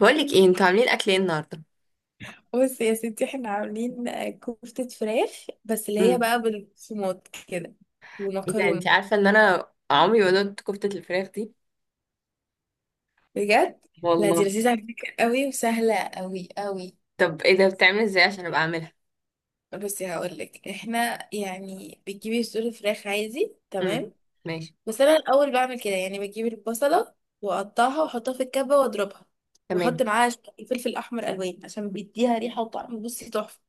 بقولك ايه انتوا عاملين اكل ايه النهارده؟ بصي يا ستي، احنا عاملين كفتة فراخ، بس اللي هي امم بقى بالصومات كده، ايه ده، انت ومكرونة. عارفه ان انا عمري ما دقت كفته الفراخ دي. بجد. لا دي والله. لذيذة على فكرة قوي، وسهلة قوي قوي. طب ايه ده؟ بتعمل ازاي عشان ابقى اعملها؟ بصي هقولك، احنا يعني بتجيبي صدور فراخ عادي، امم تمام. ماشي. بس انا الاول بعمل كده، يعني بجيب البصلة واقطعها واحطها في الكبة واضربها. تمام. بحط معاها شوية فلفل احمر الوان عشان بيديها ريحة وطعم، بصي تحفة.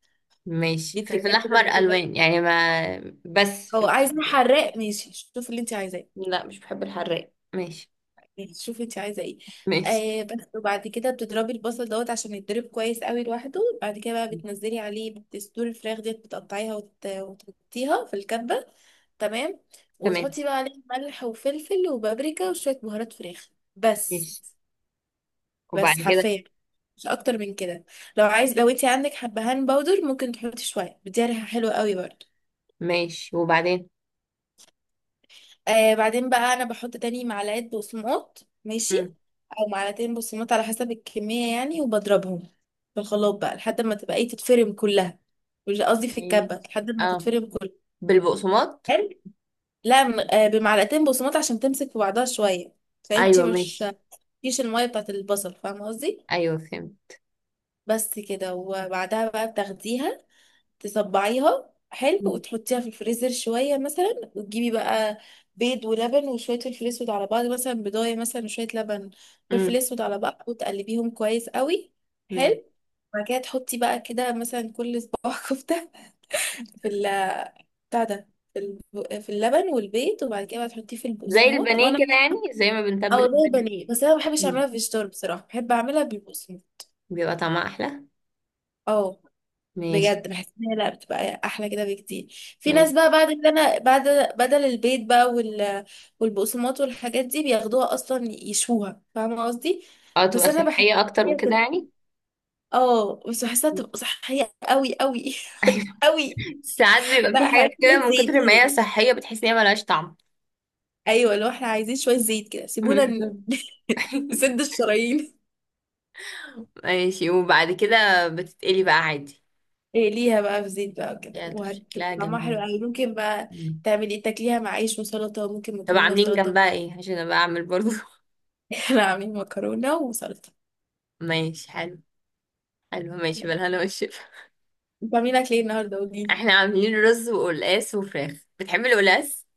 ماشي، دي فلفل تريكات كده، احمر مش كل الناس الوان يعني بتعملها. ما. بس هو فلفل عايزة أحمر. حراق؟ ماشي، شوف اللي انت عايزاه. لا مش بحب الحراق، ماشي. شوفي انت عايزه ايه. ماشي. آه بس، وبعد كده بتضربي البصل دوت عشان يتضرب كويس قوي لوحده، بعد كده بقى بتنزلي عليه بتصدور الفراخ ديت، بتقطعيها وتحطيها في الكبه. تمام. تمام. وتحطي بقى عليه ملح وفلفل وبابريكا وشويه بهارات فراخ، بس ماشي. وبعد بس كده؟ حرفيا، مش اكتر من كده. لو انت عندك حبهان باودر، ممكن تحطي شويه، بتدي ريحه حلوه قوي برضه. ماشي. وبعدين؟ آه بعدين بقى انا بحط تاني معلقه بقسماط، ماشي. امم او معلقتين بقسماط على حسب الكميه يعني، وبضربهم في الخلاط بقى لحد ما تبقى ايه، تتفرم كلها. مش قصدي، في ماشي. الكبه لحد ما اه، تتفرم كلها. بالبقسماط. حلو. لا، بمعلقتين بقسماط عشان تمسك في بعضها شويه. فانتي ايوه مش ماشي. فيش الميه بتاعت البصل، فاهمه قصدي. ايوه فهمت. بس كده، وبعدها بقى بتاخديها، تصبعيها حلو وتحطيها في الفريزر شوية مثلا، وتجيبي بقى بيض ولبن وشوية فلفل اسود على بعض، مثلا بيضاية مثلا وشوية لبن، فلفل امم اسود على بعض، وتقلبيهم كويس قوي. ماشي. حلو. بعد كده تحطي بقى كده مثلا كل صباع كفتة في ال بتاع ده، في اللبن والبيض، وبعد كده بقى تحطيه في زي البقسماط البانيه وانا، كده يعني، زي ما او بنتبل زي البانيه. بانيه. بس انا ما بحبش مم. اعملها في الشطار، بصراحة بحب اعملها بالبقسماط. بيبقى طعمها احلى. اه، ماشي. بجد بحس ان هي لا بتبقى احلى كده بكتير. في ماشي. ناس بقى بعد كده، انا بعد بدل البيض بقى والبقسماط والحاجات دي بياخدوها اصلا يشوها، فاهمه قصدي. اه بس تبقى انا بحس إن صحية اكتر هي وكده بتبقى، يعني. اه بس بحسها بتبقى صحيه قوي قوي. ايوه. قوي. ساعات بيبقى لا، في احنا حاجات عايزين كده من شويه زيت كتر ما هي كده. صحية بتحس ان هي ملهاش طعم. ايوه، لو احنا عايزين شويه زيت كده سيبونا بالظبط. نسد الشرايين. ماشي. وبعد كده بتتقلي بقى عادي؟ إيه ليها بقى في زيت بقى كده، يا طب وهتبقى شكلها طعمها حلو جميل. قوي. ممكن بقى مم. تعملي تاكليها مع عيش وسلطه، وممكن طب مكرونه عاملين وسلطه. جنبها ايه عشان ابقى اعمل برضو؟ كانوا عاملين مكرونة وسلطة. ماشي حلو. حلو ماشي، بالهنا والشفا. بعمل لك ليه النهاردة، قوليلي. احنا عاملين رز وقلقاس وفراخ، بتحبي القلقاس؟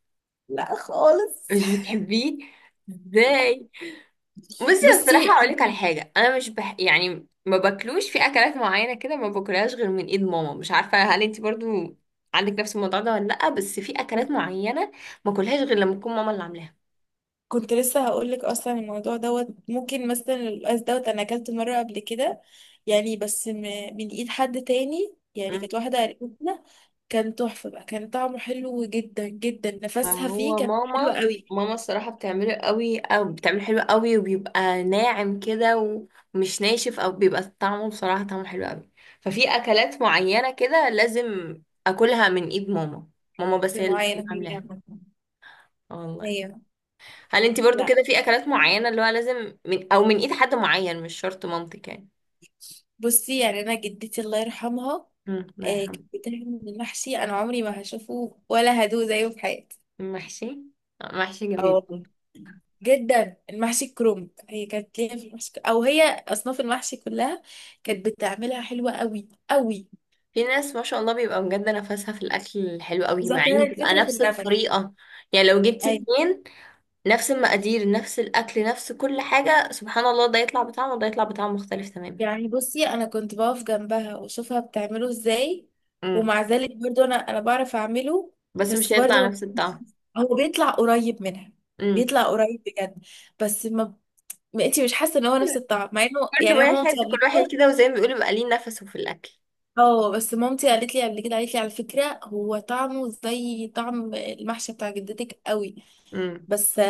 لا خالص. مش بتحبيه؟ ازاي؟ بصي الصراحة بصي أقولك على انتي، حاجة، أنا مش بح... يعني ما باكلوش في أكلات معينة كده، ما باكلهاش غير من إيد ماما، مش عارفة هل انتي برضو عندك نفس الموضوع ده ولا لأ. بس في أكلات معينة ما باكلهاش غير لما تكون ماما اللي عاملاها. كنت لسه هقول لك اصلا الموضوع دوت ممكن، مثلا القلقاس دوت انا اكلته مره قبل كده، يعني بس من ايد حد تاني، يعني مم. كانت واحده قريبتنا، كان تحفه بقى، كان طعمه حلو جدا جدا، نفسها فيه، هو كان حلو ماما قوي. ماما الصراحة بتعمله قوي، أو بتعمله حلو قوي وبيبقى ناعم كده ومش ناشف، أو بيبقى طعمه بصراحة طعمه حلو قوي. ففي أكلات معينة كده لازم أكلها من إيد ماما. ماما بس هي اللي اللي معايا بتكون انا في عاملاها. الجامعه. والله. ايوه. هل انت برضو لا، كده في اكلات معينة اللي هو لازم من او من ايد حد معين، مش شرط مامتك يعني؟ بصي يعني انا جدتي الله يرحمها، الله كان يرحمه. بيتعمل من المحشي انا عمري ما هشوفه ولا هدوه زيه في حياتي. محشي. آه، محشي اه جميل. والله، جدا. المحشي الكرنب، هي كانت ليها في المحشي، او هي اصناف المحشي كلها كانت بتعملها حلوه قوي قوي. في ناس ما شاء الله بيبقى بجد نفسها في الاكل الحلو قوي، مع بالظبط، هي ان تبقى الفكره في نفس النفق. الطريقة. يعني لو جبتي اي. اتنين نفس المقادير، نفس الاكل، نفس كل حاجة، سبحان الله، ده يطلع بطعم وده يطلع بطعم مختلف تماما. يعني بصي، انا كنت بقف جنبها واشوفها بتعمله ازاي، امم ومع ذلك برضو انا بعرف اعمله. بس مش بس هيطلع برضو نفس الطعم. هو بيطلع قريب منها، امم بيطلع قريب بجد. بس ما ما انتي مش حاسه ان هو نفس الطعم، مع انه كل يعني انا مامتي واحد قبل كل واحد كده. كده، وزي ما بيقولوا بيبقى ليه نفسه في الاكل. اه بس مامتي قالت لي قبل كده، قالت لي على فكره، هو طعمه زي طعم المحشي بتاع جدتك قوي. امم بس.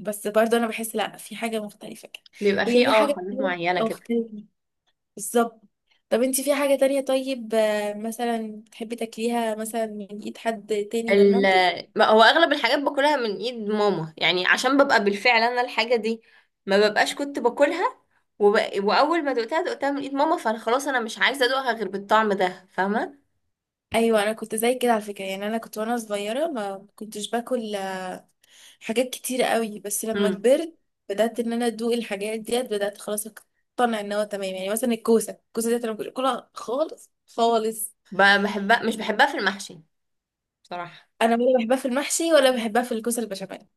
بس برضه انا بحس لا، في حاجه مختلفه كده، بيبقى هي فيه في اه حاجه حاجات معينة كده. مختلفه. بالظبط. طب انتي في حاجه تانية طيب، مثلا تحبي تاكليها مثلا من ايد حد تاني غير ال مامتك؟ ما هو اغلب الحاجات باكلها من ايد ماما يعني، عشان ببقى بالفعل انا الحاجه دي ما ببقاش كنت باكلها، وب... واول ما دقتها من ايد ماما، فانا خلاص انا مش عايزه ادوقها غير بالطعم ده، فاهمه؟ ايوه، انا كنت زي كده على فكره. يعني انا كنت وانا صغيره ما كنتش باكل حاجات كتيرة قوي، بس لما امم كبرت بدأت ان انا ادوق الحاجات ديت، بدأت خلاص اقتنع ان هو تمام. يعني مثلا الكوسة، الكوسة ديت انا ما كنتش باكلها خالص خالص. بحبها، مش بحبها في المحشي بصراحه. انا ولا بحبها في المحشي ولا بحبها في الكوسة البشاميل،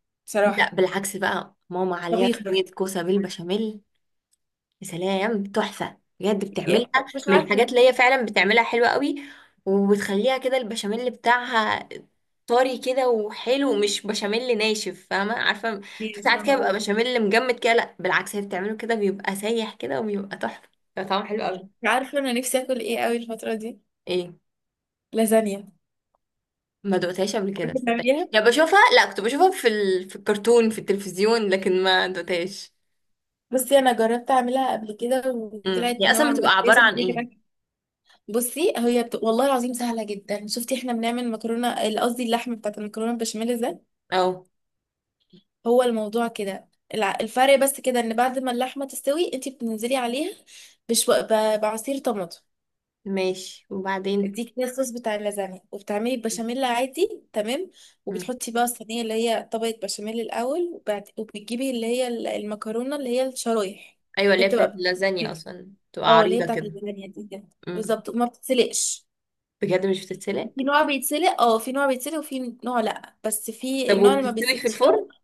لا بصراحة، بالعكس، بقى ماما عليها طبيخ بس، صينيه كوسه بالبشاميل، يا سلام تحفة بجد بتعملها. يعني مش من عارفة. الحاجات اللي هي فعلا بتعملها حلوة قوي، وبتخليها كده البشاميل بتاعها طري كده وحلو، مش بشاميل ناشف، فاهمة؟ عارفة في إيه، ساعات فاهمة كده بيبقى قصدي. بشاميل مجمد كده، لا بالعكس هي بتعمله كده بيبقى سايح كده وبيبقى تحفة، بيبقى طعمه حلو قوي. مش عارفة انا نفسي اكل ايه قوي الفترة دي. ايه؟ لازانيا. ما دقتهاش قبل كده صدقني، بتعمليها. يا بشوفها لا كنت بشوفها في الكرتون في التلفزيون، لكن ما دقتهاش. بصي انا جربت اعملها قبل كده وطلعت هي اصلا نوعا ما بتبقى عبارة كويسة، بس عن هي ايه؟ كانت. بصي والله العظيم سهله جدا. شفتي احنا بنعمل مكرونه قصدي اللحم بتاعت المكرونه البشاميل ده، اه هو الموضوع كده. الفرق بس كده، ان بعد ما اللحمه تستوي، انت بتنزلي عليها بشو... ب... بعصير طماطم، ماشي وبعدين؟ دي كده الصوص بتاع اللازانيا، وبتعملي البشاميل عادي تمام، وبتحطي بقى الصينيه اللي هي طبقه بشاميل الاول، وبتجيبي اللي هي المكرونه اللي هي الشرايح. ايوه اللي هي هي بتاعت بتبقى، اللازانيا، اصلا تبقى اه اللي هي عريضه بتاعت كده. اللازانيا دي كده. امم بالظبط، وما بتتسلقش. بجد مش بتتسلق؟ في نوع بيتسلق، في نوع بيتسلق وفي نوع لا، بس في طب النوع اللي ما وبتستوي في بيتسلقش الفرن؟ قوي.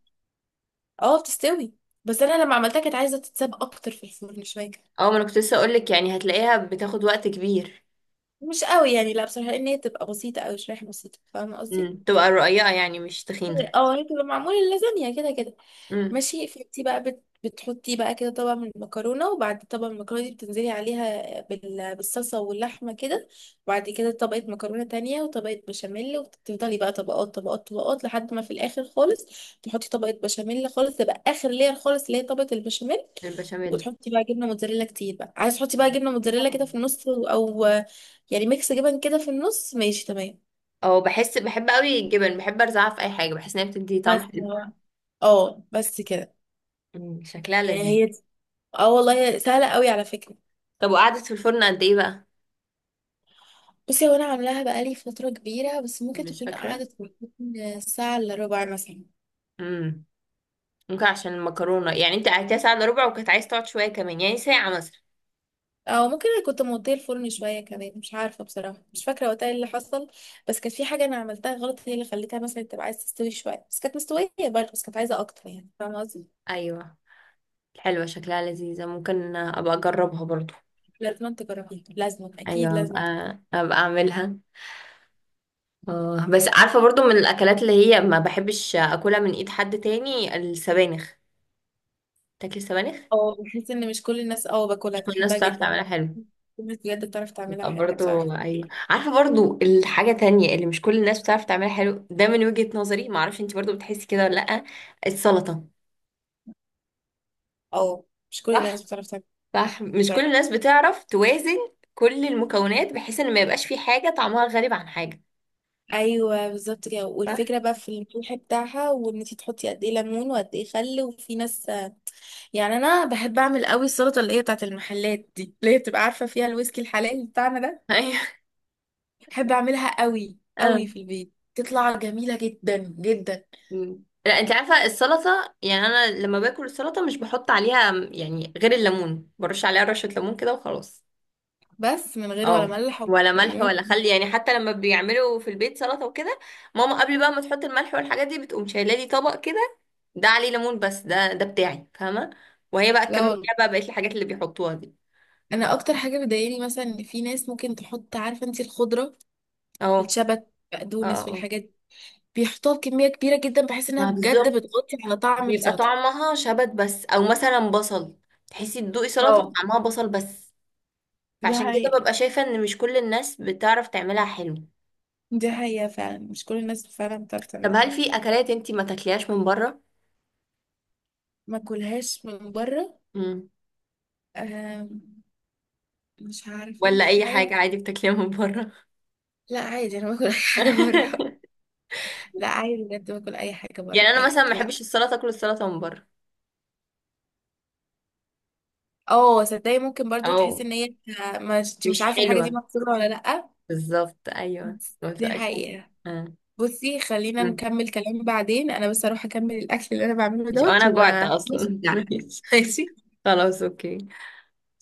اه، بتستوي. بس انا لما عملتها كانت عايزه تتساب اكتر في الفرن شويه كده. اه ما انا كنت لسه اقول لك، يعني هتلاقيها بتاخد وقت كبير. مش قوي يعني، لا بصراحه ان هي تبقى بسيطه، او شريحه بسيطه، فاهمه قصدي. تبقى رقيقه يعني، مش تخينه. اه، هي تبقى معمول اللازانيا كده كده. امم ماشي، فانتي بقى بتحطي بقى كده طبق من المكرونه، وبعد طبق المكرونه دي بتنزلي عليها بالصلصه واللحمه كده، وبعد كده طبقه مكرونه تانية وطبقه بشاميل، وتفضلي بقى طبقات طبقات طبقات، لحد ما في الاخر خالص تحطي طبقه بشاميل خالص، تبقى اخر لير خالص، اللي هي طبقه البشاميل، البشاميل. وتحطي بقى جبنه موتزاريلا كتير بقى، عايز تحطي بقى جبنه موتزاريلا كده في النص، او يعني ميكس جبن كده في النص، ماشي تمام. اه بحس، بحب قوي الجبن، بحب ارزعها في اي حاجه، بحس انها بتدي طعم بس. حلو. اه بس كده. شكلها يعني لذيذ. هي، اه والله سهله قوي على فكره. طب وقعدت في الفرن قد ايه بقى؟ بصي، هو انا عاملاها بقالي فترة كبيرة، بس ممكن مش تكون فاكره. قعدت من ساعة الا ربع مثلا. امم ممكن عشان المكرونه يعني، انت قعدتيها ساعه الا ربع وكانت عايز تقعد شويه كمان، يعني ساعه مثلا. او ممكن انا كنت موطيه الفرن شوية كمان، مش عارفة بصراحة، مش فاكرة وقتها إيه اللي حصل. بس كانت في حاجة انا عملتها غلط، هي اللي خليتها مثلا تبقى عايزة تستوي شوية، بس كانت مستوية برضه، بس كانت عايزة اكتر يعني، فاهمة قصدي. ايوه. حلوة شكلها لذيذة، ممكن أبقى أجربها برضو. لازم تجربيها، لازم اكيد أيوة أبقى, لازم. أبقى أعملها. آه، بس عارفة برضو من الأكلات اللي هي ما بحبش أكلها من إيد حد تاني، السبانخ. تاكلي السبانخ؟ اه بحس ان مش كل الناس باكلها، مش كل الناس بحبها بتعرف جدا. تعملها حلو. الناس بجد بتعرف تعملها بتبقى حلو، بصراحة. برضو. أيوة عارفة برضو الحاجة تانية اللي مش كل الناس بتعرف تعملها حلو، ده من وجهة نظري، معرفش انتي برضو بتحسي كده ولا لأ. السلطة. اه، مش كل الناس صح؟ بتعرف تعملها. صح مش كل الناس بتعرف توازن كل المكونات، بحيث ان ما يبقاش في حاجة طعمها غريب عن حاجة. ايوه بالظبط كده، صح؟ والفكره بقى في الريحه بتاعها، وان انت تحطي قد ايه ليمون وقد ايه خل، وفي ناس يعني. انا بحب اعمل قوي السلطه اللي هي بتاعت المحلات دي، اللي هي بتبقى عارفه فيها الويسكي الحلال بتاعنا ده. بحب اعملها قوي أيوة. قوي في البيت، تطلع جميله جدا جدا. مم. لا انت عارفه السلطه يعني انا لما باكل السلطه مش بحط عليها يعني غير الليمون، برش عليها رشه ليمون كده وخلاص. بس من غير ولا اه ملح ولا ولا ملح كمون. ولا خل. يعني حتى لما بيعملوا في البيت سلطه وكده، ماما قبل بقى ما تحط الملح والحاجات دي بتقوم شايله لي طبق كده، ده عليه ليمون بس، ده بتاعي، فاهمه؟ وهي بقى لا تكمل والله، فيها بقى بقيه الحاجات اللي بيحطوها دي. انا اكتر حاجه بتضايقني مثلا ان في ناس ممكن تحط، عارفه انت الخضره اهو. الشبت اه بقدونس اه. والحاجات دي، بيحطوها بكميه كبيره جدا، بحيث انها ما بجد بالظبط، بتغطي على طعم بيبقى السلطه. طعمها شبت بس، او مثلا بصل، تحسي تدوقي سلطه اه. طعمها بصل بس. دي فعشان كده حقيقة. ببقى شايفة ان مش كل الناس بتعرف تعملها حلو. دي حقيقة فعلا، مش كل الناس فعلا بتعرف طب تعملها هل حاجة. في اكلات انتي ما تاكليهاش من بره؟ ما اكلهاش من بره. مم. آم، مش عارفة، ولا مفيش اي حاجة. حاجة عادي بتاكليها من بره؟ لا عادي، انا باكل اي حاجة بره. لا عادي بجد، باكل اي حاجة بره يعني انا مثلا عادي، ما لا. بحبش السلطة، اكل السلطة من بره. اه صدقني، ممكن برضو تحس او ان هي مش مش عارفة، الحاجة دي حلوة. مكسورة ولا لا. بالظبط ايوه، ما دي تبقاش حلوة. حقيقة. آه. بصي خلينا مم. نكمل كلام بعدين، انا بس اروح اكمل الاكل اللي انا بعمله مش دوت انا و. جوعت بص، اصلا. لا ماشي، ماشي. خلاص اوكي.